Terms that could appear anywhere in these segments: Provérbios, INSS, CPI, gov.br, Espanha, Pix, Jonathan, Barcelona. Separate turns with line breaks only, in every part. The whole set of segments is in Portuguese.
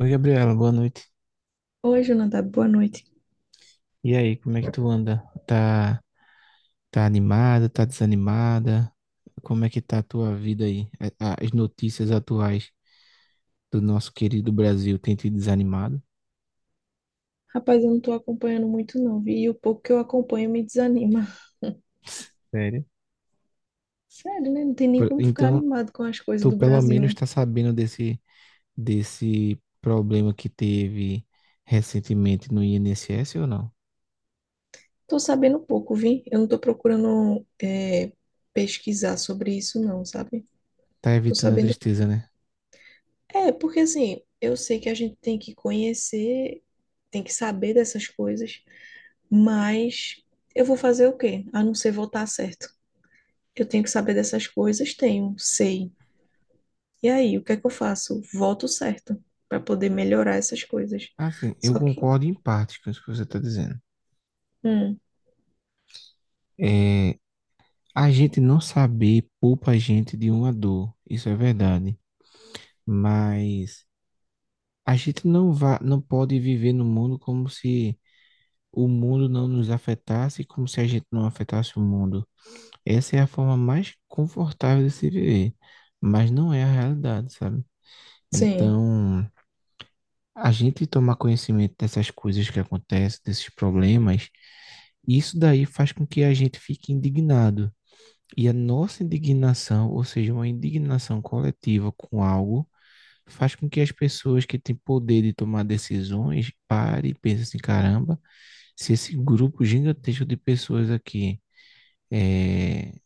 Oi, Gabriela, boa noite.
Oi, Jonathan, boa noite.
E aí, como é que tu anda? Tá, tá, animada, tá desanimada? Como é que tá a tua vida aí? As notícias atuais do nosso querido Brasil têm te desanimado?
Rapaz, eu não tô acompanhando muito não, vi? E o pouco que eu acompanho me desanima.
Sério?
Sério, né? Não tem nem como ficar
Então,
animado com as coisas
tu
do
pelo
Brasil,
menos
né?
tá sabendo desse problema que teve recentemente no INSS ou não?
Tô sabendo pouco, vi? Eu não tô procurando pesquisar sobre isso não, sabe?
Tá
Tô
evitando a
sabendo...
tristeza, né?
É, porque assim, eu sei que a gente tem que conhecer, tem que saber dessas coisas, mas eu vou fazer o quê? A não ser votar certo. Eu tenho que saber dessas coisas, tenho, sei. E aí, o que é que eu faço? Voto certo para poder melhorar essas coisas.
Assim, eu
Só que,
concordo em parte com isso que você tá dizendo.
hum,
É, A gente não saber poupa a gente de uma dor, isso é verdade, mas a gente não vai, não pode viver no mundo como se o mundo não nos afetasse, como se a gente não afetasse o mundo. Essa é a forma mais confortável de se viver, mas não é a realidade, sabe?
sim,
Então, a gente tomar conhecimento dessas coisas que acontecem, desses problemas, isso daí faz com que a gente fique indignado. E a nossa indignação, ou seja, uma indignação coletiva com algo, faz com que as pessoas que têm poder de tomar decisões parem e pensem assim, caramba, se esse grupo gigantesco de pessoas aqui está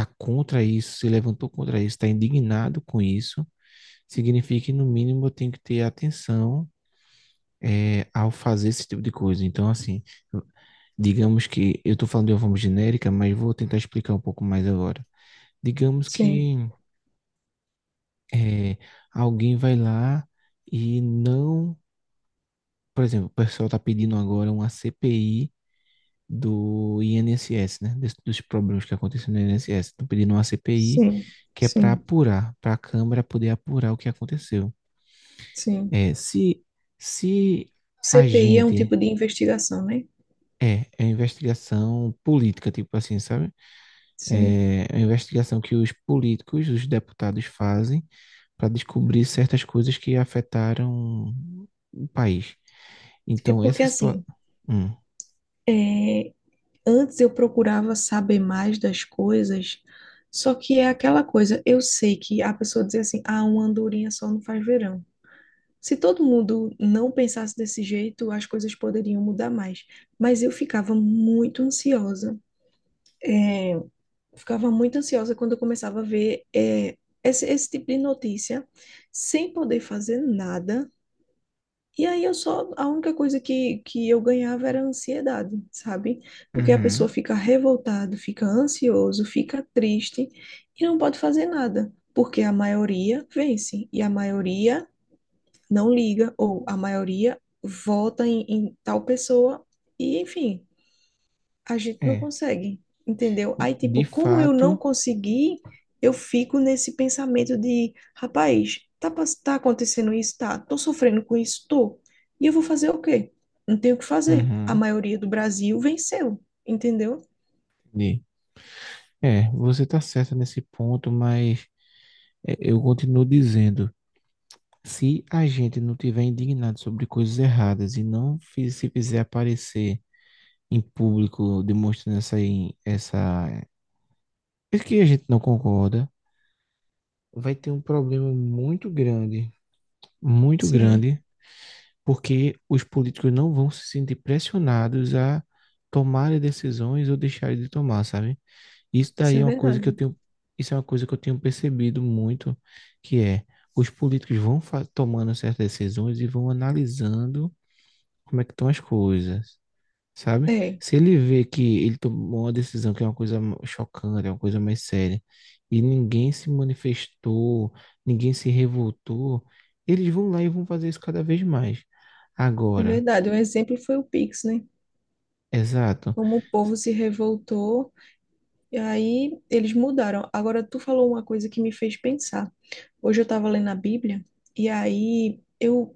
contra isso, se levantou contra isso, está indignado com isso, significa que no mínimo eu tenho que ter atenção ao fazer esse tipo de coisa. Então, assim, digamos que eu estou falando de uma forma genérica, mas vou tentar explicar um pouco mais agora. Digamos
sim,
que é, alguém vai lá e não, por exemplo, o pessoal está pedindo agora uma CPI do INSS, né? Dos problemas que aconteceram no INSS. Estão pedindo uma CPI
sim,
que é para
sim,
apurar, para a Câmara poder apurar o que aconteceu.
sim.
É, se a
CPI é um
gente
tipo de investigação, né?
é, é investigação política, tipo assim, sabe?
Sim.
É uma investigação que os políticos, os deputados fazem para descobrir certas coisas que afetaram o país.
É
Então,
porque
essa situação.
assim, é, antes eu procurava saber mais das coisas, só que é aquela coisa, eu sei que a pessoa diz assim, ah, uma andorinha só não faz verão. Se todo mundo não pensasse desse jeito, as coisas poderiam mudar mais. Mas eu ficava muito ansiosa. Eu ficava muito ansiosa quando eu começava a ver esse tipo de notícia, sem poder fazer nada. E aí eu só, a única coisa que eu ganhava era ansiedade, sabe? Porque a pessoa
Uhum.
fica revoltada, fica ansioso, fica triste e não pode fazer nada, porque a maioria vence e a maioria não liga, ou a maioria vota em tal pessoa, e enfim, a gente não
É,
consegue, entendeu? Aí,
de
tipo, como eu não
fato.
consegui, eu fico nesse pensamento de, rapaz, tá, tá acontecendo isso, tá? Tô sofrendo com isso, tô. E eu vou fazer o quê? Não tenho o que fazer. A
Uhum,
maioria do Brasil venceu, entendeu?
entendi. É, você está certa nesse ponto, mas eu continuo dizendo: se a gente não tiver indignado sobre coisas erradas e não se fizer aparecer em público demonstrando essa. É que a gente não concorda, vai ter um problema muito
Sim,
grande, porque os políticos não vão se sentir pressionados a tomarem decisões ou deixarem de tomar, sabe? Isso
isso
daí
é
é uma coisa que eu
verdade.
tenho, isso é uma coisa que eu tenho percebido muito, que é os políticos vão tomando certas decisões e vão analisando como é que estão as coisas, sabe?
É,
Se ele vê que ele tomou uma decisão que é uma coisa chocante, é uma coisa mais séria, e ninguém se manifestou, ninguém se revoltou, eles vão lá e vão fazer isso cada vez mais.
é
Agora,
verdade. Um exemplo foi o Pix, né?
exato.
Como o povo se revoltou. E aí eles mudaram. Agora tu falou uma coisa que me fez pensar. Hoje eu estava lendo a Bíblia e aí eu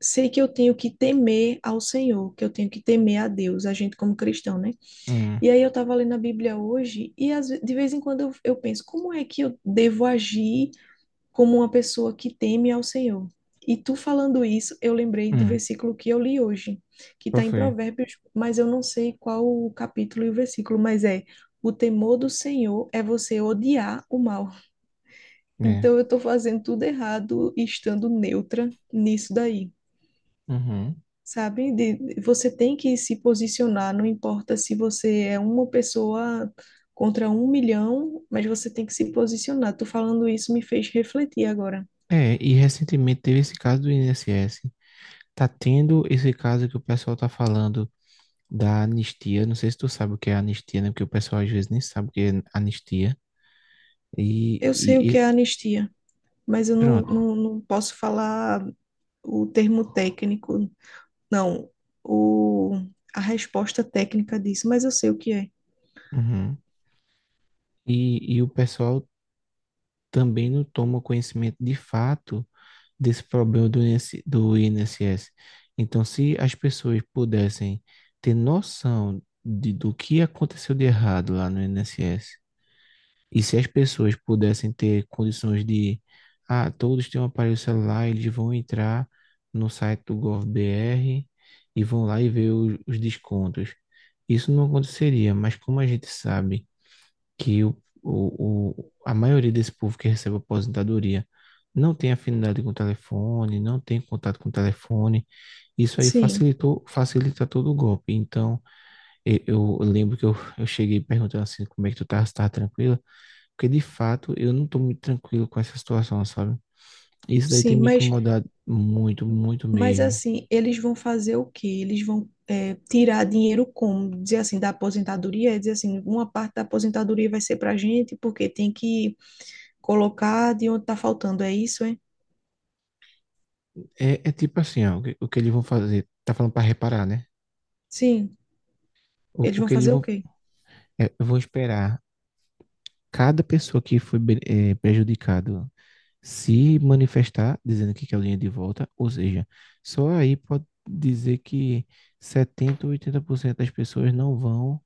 sei que eu tenho que temer ao Senhor, que eu tenho que temer a Deus, a gente como cristão, né?
Hum,
E aí eu estava lendo a Bíblia hoje e de vez em quando eu penso, como é que eu devo agir? Como uma pessoa que teme ao Senhor. E tu falando isso, eu lembrei do
hum,
versículo que eu li hoje, que
qual
está em
foi?
Provérbios, mas eu não sei qual o capítulo e o versículo, mas é: o temor do Senhor é você odiar o mal. Então
É.
eu estou fazendo tudo errado estando neutra nisso daí,
Uhum.
sabe? De, você tem que se posicionar, não importa se você é uma pessoa contra um milhão, mas você tem que se posicionar. Tô falando isso me fez refletir agora.
É, e recentemente teve esse caso do INSS. Tá tendo esse caso que o pessoal tá falando da anistia. Não sei se tu sabe o que é anistia, né? Porque o pessoal às vezes nem sabe o que é anistia. E,
Eu
e,
sei o que
e
é anistia, mas eu
pronto.
não posso falar o termo técnico. Não, o, a resposta técnica disso, mas eu sei o que é.
Uhum. E o pessoal também não toma conhecimento de fato desse problema do INSS. Então, se as pessoas pudessem ter noção de, do que aconteceu de errado lá no INSS, e se as pessoas pudessem ter condições de, ah, todos têm um aparelho celular, eles vão entrar no site do gov.br e vão lá e ver os descontos. Isso não aconteceria, mas como a gente sabe que a maioria desse povo que recebe aposentadoria não tem afinidade com o telefone, não tem contato com o telefone. Isso aí
Sim,
facilitou, facilita todo o golpe. Então, e- eu, lembro que eu cheguei perguntando assim, como é que tu tá, se tá tranquila? Porque, de fato, eu não tô muito tranquilo com essa situação, sabe? Isso daí tem
sim,
me incomodado muito, muito
mas
mesmo.
assim, eles vão fazer o quê? Eles vão tirar dinheiro como? Dizer assim, da aposentadoria, dizer assim, uma parte da aposentadoria vai ser pra gente, porque tem que colocar de onde tá faltando, é isso, hein?
É tipo assim, ó, o que eles vão fazer? Tá falando para reparar, né?
Sim, eles
O
vão
que eles
fazer o
vão...
quê?
é, eu vou esperar cada pessoa que foi prejudicado se manifestar dizendo que quer o dinheiro de volta, ou seja, só aí pode dizer que 70 ou 80% das pessoas não vão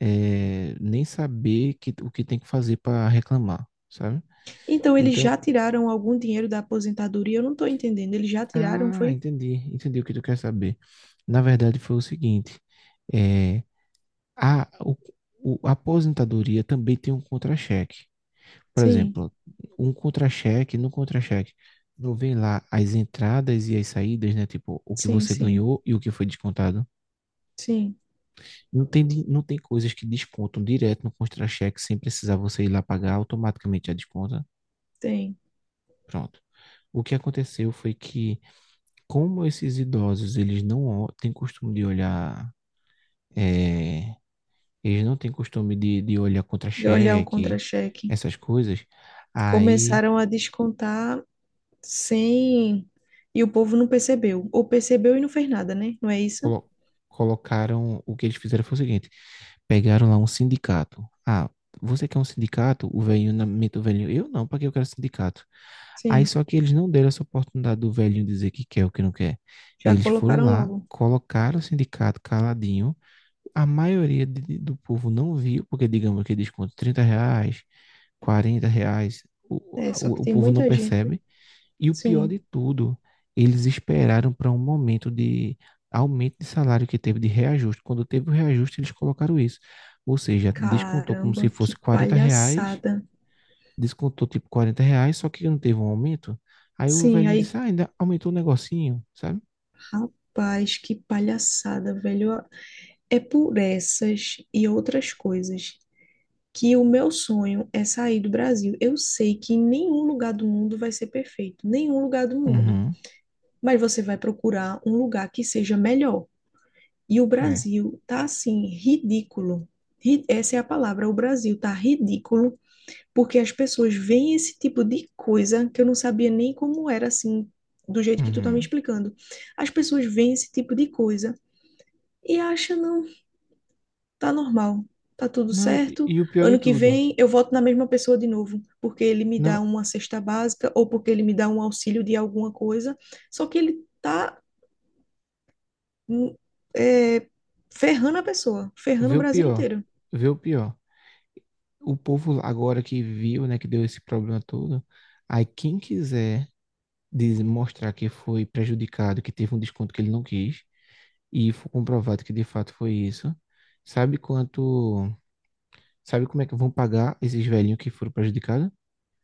nem saber o que tem que fazer para reclamar, sabe?
Então, eles já
Então,
tiraram algum dinheiro da aposentadoria? Eu não tô entendendo, eles já tiraram,
ah,
foi?
entendi o que tu quer saber. Na verdade, foi o seguinte, eh, a, o- a aposentadoria também tem um contra-cheque. Por
Sim,
exemplo, no contra-cheque, não vem lá as entradas e as saídas, né? Tipo, o que
sim,
você
sim,
ganhou e o que foi descontado.
sim,
Não tem, não tem coisas que descontam direto no contra-cheque sem precisar você ir lá pagar, automaticamente já desconta.
tem.
Pronto. O que aconteceu foi que, como esses idosos, eles não ó- têm costume de olhar, é, eles não têm costume de olhar
De olhar o
contra-cheque,
contra-cheque.
essas coisas, aí
Começaram a descontar sem. E o povo não percebeu. Ou percebeu e não fez nada, né? Não é isso?
colo- colocaram. O que eles fizeram foi o seguinte: pegaram lá um sindicato. Ah, você quer um sindicato? O velhinho, na mente do velhinho: eu não, para que eu quero sindicato? Aí
Sim.
só que eles não deram essa oportunidade do velhinho dizer que quer ou que não quer.
Já
Eles foram
colocaram
lá,
logo.
colocaram o sindicato caladinho. A maioria do povo não viu, porque digamos que desconto R$ 30, R$ 40, o,
É, só que
o
tem
povo não
muita gente.
percebe. E o pior de
Sim.
tudo, eles esperaram para um momento de aumento de salário que teve de reajuste. Quando teve o reajuste, eles colocaram isso. Ou seja, descontou como se
Caramba,
fosse
que
R$ 40,
palhaçada.
descontou tipo R$ 40, só que não teve um aumento. Aí o
Sim,
velhinho disse,
aí.
ah, ainda aumentou o negocinho, sabe?
Rapaz, que palhaçada, velho. É por essas e outras coisas que o meu sonho é sair do Brasil. Eu sei que nenhum lugar do mundo vai ser perfeito. Nenhum lugar do mundo.
Uhum,
Mas você vai procurar um lugar que seja melhor. E o
é.
Brasil tá assim, ridículo. Essa é a palavra, o Brasil tá ridículo, porque as pessoas veem esse tipo de coisa que eu não sabia nem como era assim, do jeito que tu tá me
Uhum.
explicando. As pessoas veem esse tipo de coisa e acham, não, tá normal, tá tudo
Não, e,
certo.
e o pior de
Ano que
tudo,
vem eu voto na mesma pessoa de novo, porque ele me dá
não,
uma cesta básica ou porque ele me dá um auxílio de alguma coisa. Só que ele tá hum, é, ferrando a pessoa, ferrando o
vê o
Brasil
pior,
inteiro.
vê o pior. O povo lá agora que viu, né, que deu esse problema todo, aí quem quiser de mostrar que foi prejudicado, que teve um desconto que ele não quis, e foi comprovado que de fato foi isso, sabe quanto, sabe como é que vão pagar esses velhinhos que foram prejudicados?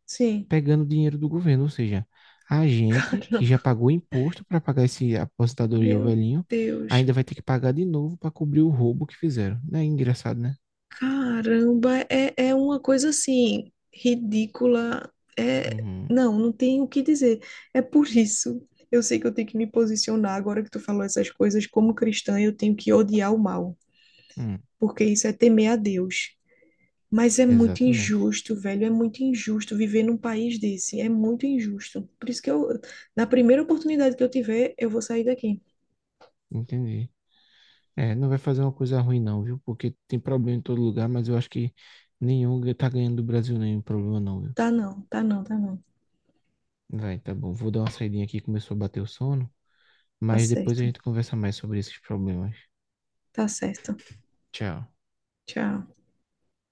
Sim,
Pegando dinheiro do governo, ou seja, a gente que já
caramba,
pagou imposto para pagar esse aposentadoria ao
meu
velhinho,
Deus,
ainda vai ter que pagar de novo para cobrir o roubo que fizeram. Não é engraçado, né?
caramba, é, é uma coisa assim, ridícula, é,
Uhum.
não, não tem o que dizer, é por isso, eu sei que eu tenho que me posicionar agora que tu falou essas coisas, como cristã eu tenho que odiar o mal,
Hum,
porque isso é temer a Deus. Mas é muito
exatamente.
injusto, velho, é muito injusto viver num país desse, é muito injusto. Por isso que eu, na primeira oportunidade que eu tiver, eu vou sair daqui.
Entendi. É, não vai fazer uma coisa ruim não, viu? Porque tem problema em todo lugar, mas eu acho que nenhum tá ganhando do Brasil, nenhum problema não, viu?
Tá não, tá não, tá não.
Vai, tá bom. Vou dar uma saidinha aqui, começou a bater o sono,
Tá
mas depois a
certo,
gente conversa mais sobre esses problemas.
tá certo.
Tchau.
Tchau.